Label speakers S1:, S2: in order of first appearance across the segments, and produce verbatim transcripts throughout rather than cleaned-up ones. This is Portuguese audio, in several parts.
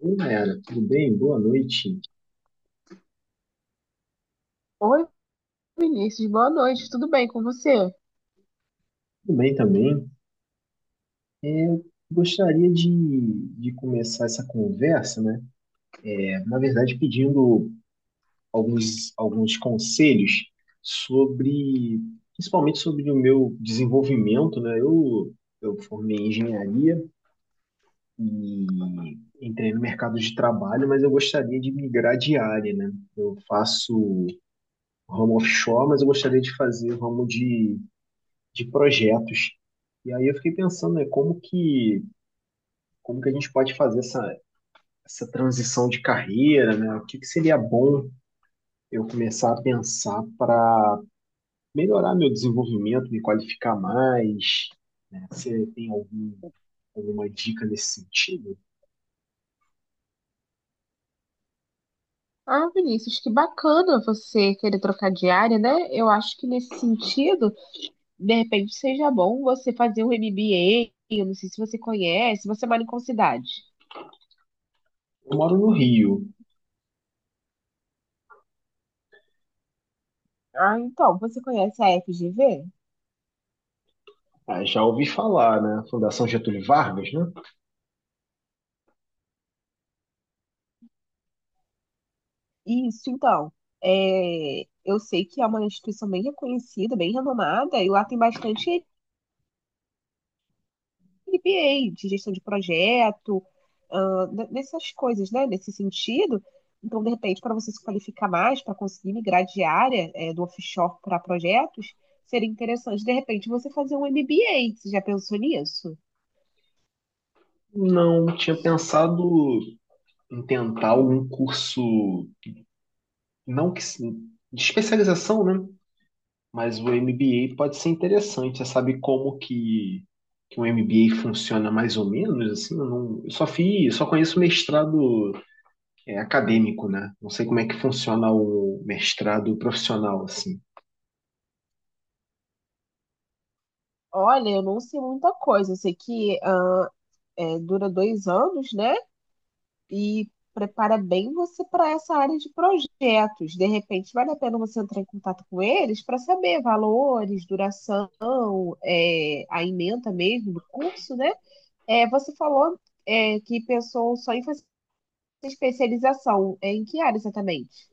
S1: Oi, Nayara, tudo bem? Boa noite.
S2: Oi, Vinícius, boa noite, tudo bem com você?
S1: Tudo bem também. É, Eu gostaria de, de começar essa conversa, né? É, na verdade, pedindo alguns, alguns conselhos sobre, principalmente sobre o meu desenvolvimento, né? Eu, eu formei em engenharia e entrei no mercado de trabalho, mas eu gostaria de migrar de área, né? Eu faço ramo offshore, mas eu gostaria de fazer ramo de de projetos. E aí eu fiquei pensando, né, como que, como que a gente pode fazer essa, essa transição de carreira, né? O que que seria bom eu começar a pensar para melhorar meu desenvolvimento, me qualificar mais, né? Você tem algum, alguma dica nesse sentido?
S2: Ah, Vinícius, que bacana você querer trocar de área, né? Eu acho que nesse sentido, de repente seja bom você fazer um M B A. Eu não sei se você conhece, você mora em qual cidade?
S1: Eu moro no Rio.
S2: Ah, então, você conhece a F G V?
S1: Ah, já ouvi falar, né? Fundação Getúlio Vargas, né?
S2: Isso, então. É, eu sei que é uma instituição bem reconhecida, bem renomada, e lá tem bastante M B A, de gestão de projeto, ah, ne- nessas coisas, né? Nesse sentido. Então, de repente, para você se qualificar mais, para conseguir migrar de área, eh, do offshore para projetos, seria interessante, de repente, você fazer um M B A. Você já pensou nisso?
S1: Não tinha pensado em tentar algum curso, não que se- de especialização, né? Mas o M B A pode ser interessante. Você sabe como que, que um M B A funciona mais ou menos? Assim, eu, não, eu só fiz, só conheço mestrado é, acadêmico, né? Não sei como é que funciona o mestrado profissional, assim.
S2: Olha, eu não sei muita coisa. Eu sei que ah, eh, dura dois anos, né? E prepara bem você para essa área de projetos. De repente, vale a pena você entrar em contato com eles para saber valores, duração, é, a ementa mesmo do curso, né? É, você falou, é, que pensou só em fazer especialização. É, em que área exatamente?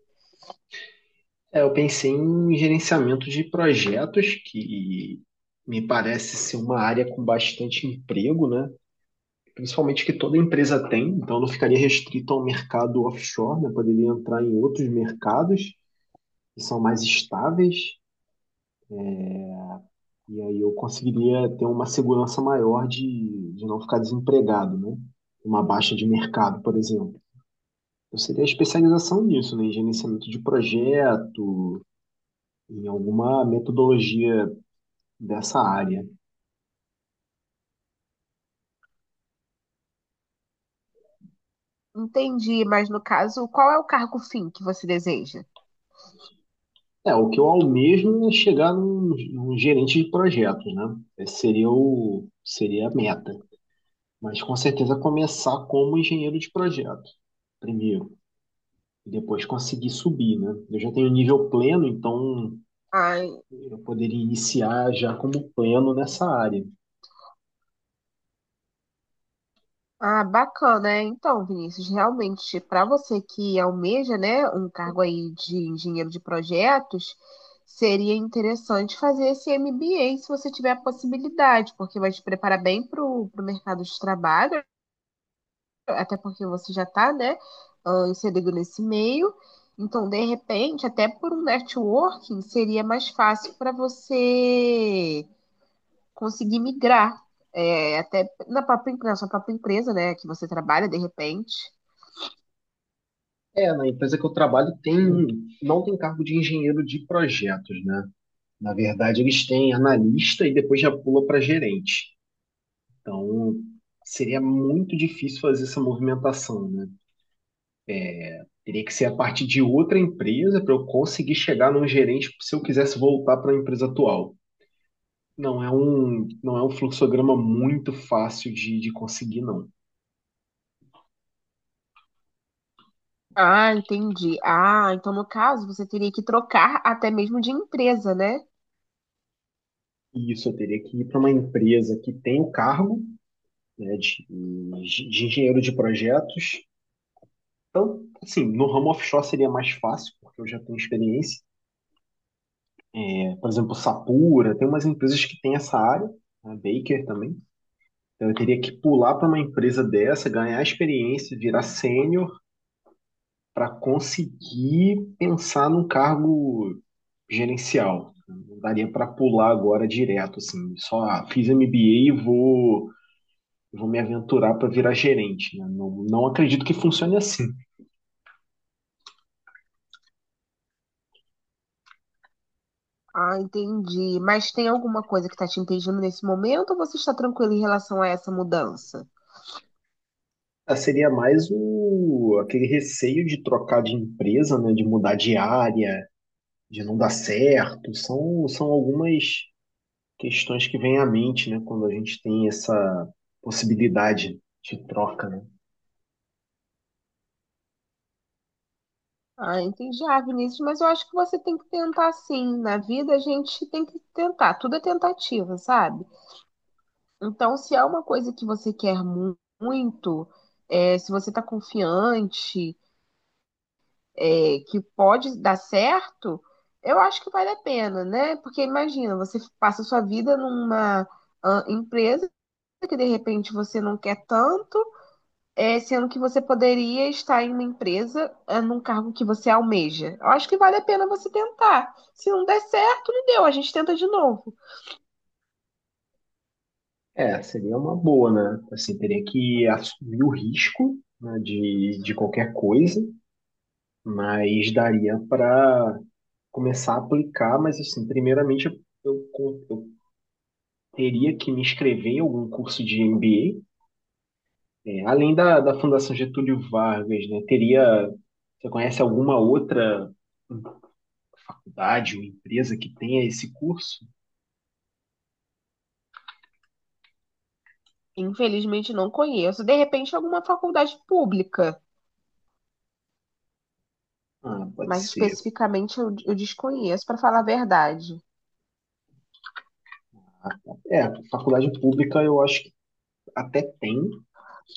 S1: É, eu pensei em gerenciamento de projetos, que me parece ser uma área com bastante emprego, né? Principalmente que toda empresa tem, então não ficaria restrito ao mercado offshore, né? Poderia entrar em outros mercados que são mais estáveis. E aí eu conseguiria ter uma segurança maior de, de não ficar desempregado, né? Uma baixa de mercado, por exemplo. Eu seria especialização nisso, né? Em gerenciamento de projeto, em alguma metodologia dessa área.
S2: Entendi, mas no caso, qual é o cargo fim que você deseja?
S1: É, o que eu almejo é chegar num, num gerente de projetos, né? Esse seria o, seria a meta. Mas com certeza começar como engenheiro de projeto, primeiro. E depois conseguir subir, né? Eu já tenho nível pleno, então
S2: Ai.
S1: Eu poderia iniciar já como plano nessa área.
S2: Ah, bacana, é. Então, Vinícius, realmente, para você que almeja, né, um cargo aí de engenheiro de projetos, seria interessante fazer esse M B A se você tiver a possibilidade, porque vai te preparar bem para o mercado de trabalho, até porque você já está, né, ah, inserido nesse meio. Então, de repente, até por um networking, seria mais fácil para você conseguir migrar, é, até na própria, na sua própria empresa, né, que você trabalha de repente.
S1: É, na empresa que eu trabalho tem, um, não tem cargo de engenheiro de projetos, né? Na verdade, eles têm analista e depois já pula para gerente. Então, seria muito difícil fazer essa movimentação, né? Teria que ser a partir de outra empresa para eu conseguir chegar num gerente se eu quisesse voltar para a empresa atual. Não é um, não é um fluxograma muito fácil de, de conseguir, não.
S2: Ah, entendi. Ah, então no caso você teria que trocar até mesmo de empresa, né?
S1: E isso eu teria que ir para uma empresa que tem o cargo, né, de, de engenheiro de projetos. Então, assim, no ramo offshore seria mais fácil, porque eu já tenho experiência. É, por exemplo, Sapura, tem umas empresas que têm essa área, a Baker também. Então, eu teria que pular para uma empresa dessa, ganhar experiência, virar sênior, para conseguir pensar num cargo gerencial. Não daria para pular agora direto, assim, só ah, fiz M B A e vou, vou me aventurar para virar gerente, né? Não, não acredito que funcione assim.
S2: Ah, entendi. Mas tem alguma coisa que está te impedindo nesse momento ou você está tranquilo em relação a essa mudança?
S1: Ah, seria mais o, aquele receio de trocar de empresa, né, de mudar de área, de não dar certo. São, são algumas questões que vêm à mente, né, quando a gente tem essa possibilidade de troca, né?
S2: Ah, entendi. Ah, Vinícius, mas eu acho que você tem que tentar sim. Na vida a gente tem que tentar, tudo é tentativa, sabe? Então, se é uma coisa que você quer mu- muito, é, se você está confiante, é, que pode dar certo, eu acho que vale a pena, né? Porque imagina, você passa a sua vida numa ah, empresa que de repente você não quer tanto, é, sendo que você poderia estar em uma empresa, é, num cargo que você almeja. Eu acho que vale a pena você tentar. Se não der certo, não deu, a gente tenta de novo.
S1: É, seria uma boa, né? Assim, teria que assumir o risco, né, de, de qualquer coisa, mas daria para começar a aplicar, mas assim, primeiramente eu, eu teria que me inscrever em algum curso de M B A, é, além da, da Fundação Getúlio Vargas, né, teria, você conhece alguma outra faculdade ou empresa que tenha esse curso?
S2: Infelizmente não conheço. De repente, alguma faculdade pública,
S1: Ah, pode
S2: mas
S1: ser.
S2: especificamente eu, eu desconheço, para falar a verdade.
S1: É, faculdade pública eu acho que até tem.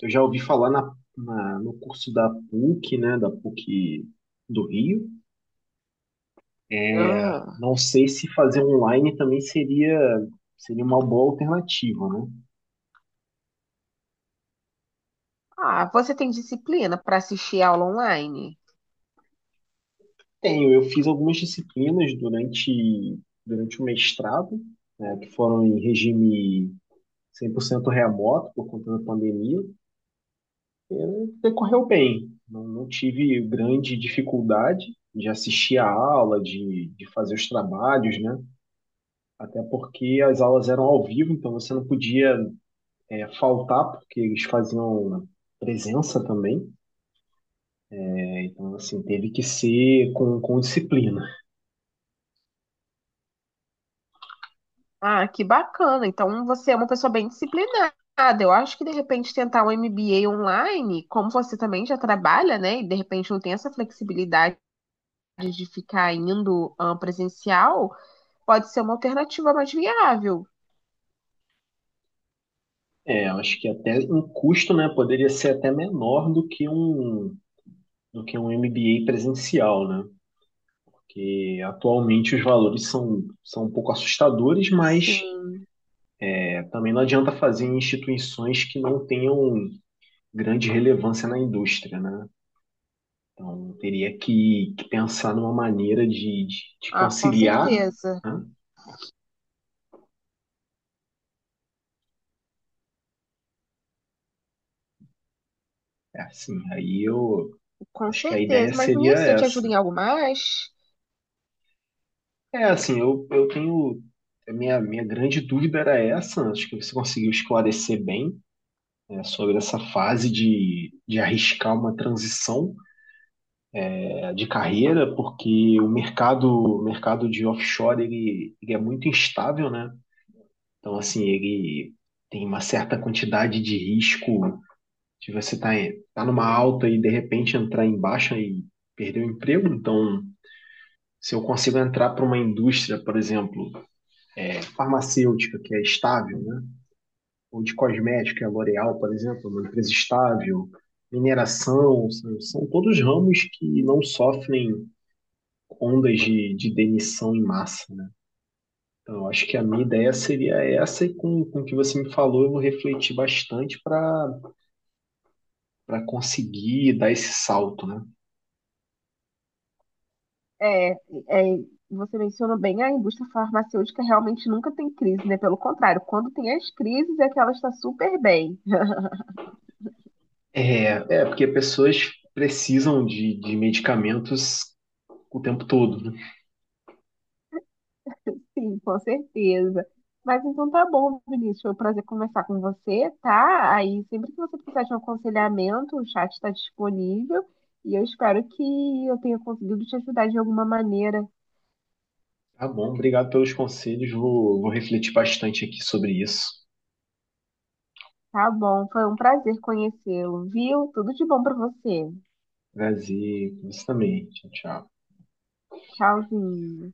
S1: Eu já ouvi falar na, na- no curso da PUC, né, da PUC do Rio.
S2: Aham.
S1: Não sei se fazer online também seria, seria uma boa alternativa, né?
S2: Ah, você tem disciplina para assistir aula online?
S1: Tenho, eu fiz algumas disciplinas durante, durante o mestrado, né, que foram em regime cem por cento remoto por conta da pandemia, eh, decorreu bem. Não, não tive grande dificuldade de assistir a aula, de, de fazer os trabalhos, né? Até porque as aulas eram ao vivo, então você não podia eh, faltar, porque eles faziam presença também. né? Então, assim, teve que ser com, com disciplina.
S2: Ah, que bacana. Então você é uma pessoa bem disciplinada. Eu acho que de repente tentar um M B A online, como você também já trabalha, né? E de repente não tem essa flexibilidade de ficar indo ah, presencial, pode ser uma alternativa mais viável.
S1: É, eu acho que até um custo, né, poderia ser até menor do que um, do que um M B A presencial, né? Que atualmente os valores são, são um pouco assustadores, mas
S2: Sim.
S1: é, também não adianta fazer em instituições que não tenham grande relevância na indústria, né? Então, teria que, que pensar numa maneira de, de, de
S2: Ah, com
S1: conciliar,
S2: certeza.
S1: né? É assim, aí eu
S2: Com
S1: acho que a ideia
S2: certeza. Mas,
S1: seria
S2: menina, eu te ajudo
S1: essa.
S2: em algo mais?
S1: É assim, eu, eu tenho. A minha, minha grande dúvida era essa, acho que você conseguiu esclarecer bem, né, sobre essa fase de, de arriscar uma transição de carreira, porque o mercado, o mercado de offshore ele, ele é muito instável, né? Então, assim, ele tem uma certa quantidade de risco de você estar tá, em- tá numa alta e de repente entrar em baixa e perder o emprego. Então, se eu consigo entrar para uma indústria, por exemplo, farmacêutica, que é estável, né? Ou de cosmética, que é a L'Oréal, por exemplo, uma empresa estável, mineração, são, são todos ramos que não sofrem ondas de, de demissão em massa, né? Então, eu acho que a minha ideia seria essa, e com, com o que você me falou, eu vou refletir bastante para para conseguir dar esse salto, né?
S2: É, é, você mencionou bem, a indústria farmacêutica realmente nunca tem crise, né? Pelo contrário, quando tem as crises é que ela está super bem.
S1: É, é porque pessoas precisam de, de medicamentos o tempo todo, né?
S2: Sim, com certeza. Mas então tá bom, Vinícius. Foi um prazer conversar com você, tá? Aí sempre que você precisar de um aconselhamento, o chat está disponível e eu espero que eu tenha conseguido te ajudar de alguma maneira.
S1: Tá bom, obrigado pelos conselhos, vou, vou refletir bastante aqui sobre isso.
S2: Tá bom, foi um prazer conhecê-lo, viu? Tudo de bom para você.
S1: Prazer, isso também. Tchau, tchau.
S2: Tchauzinho.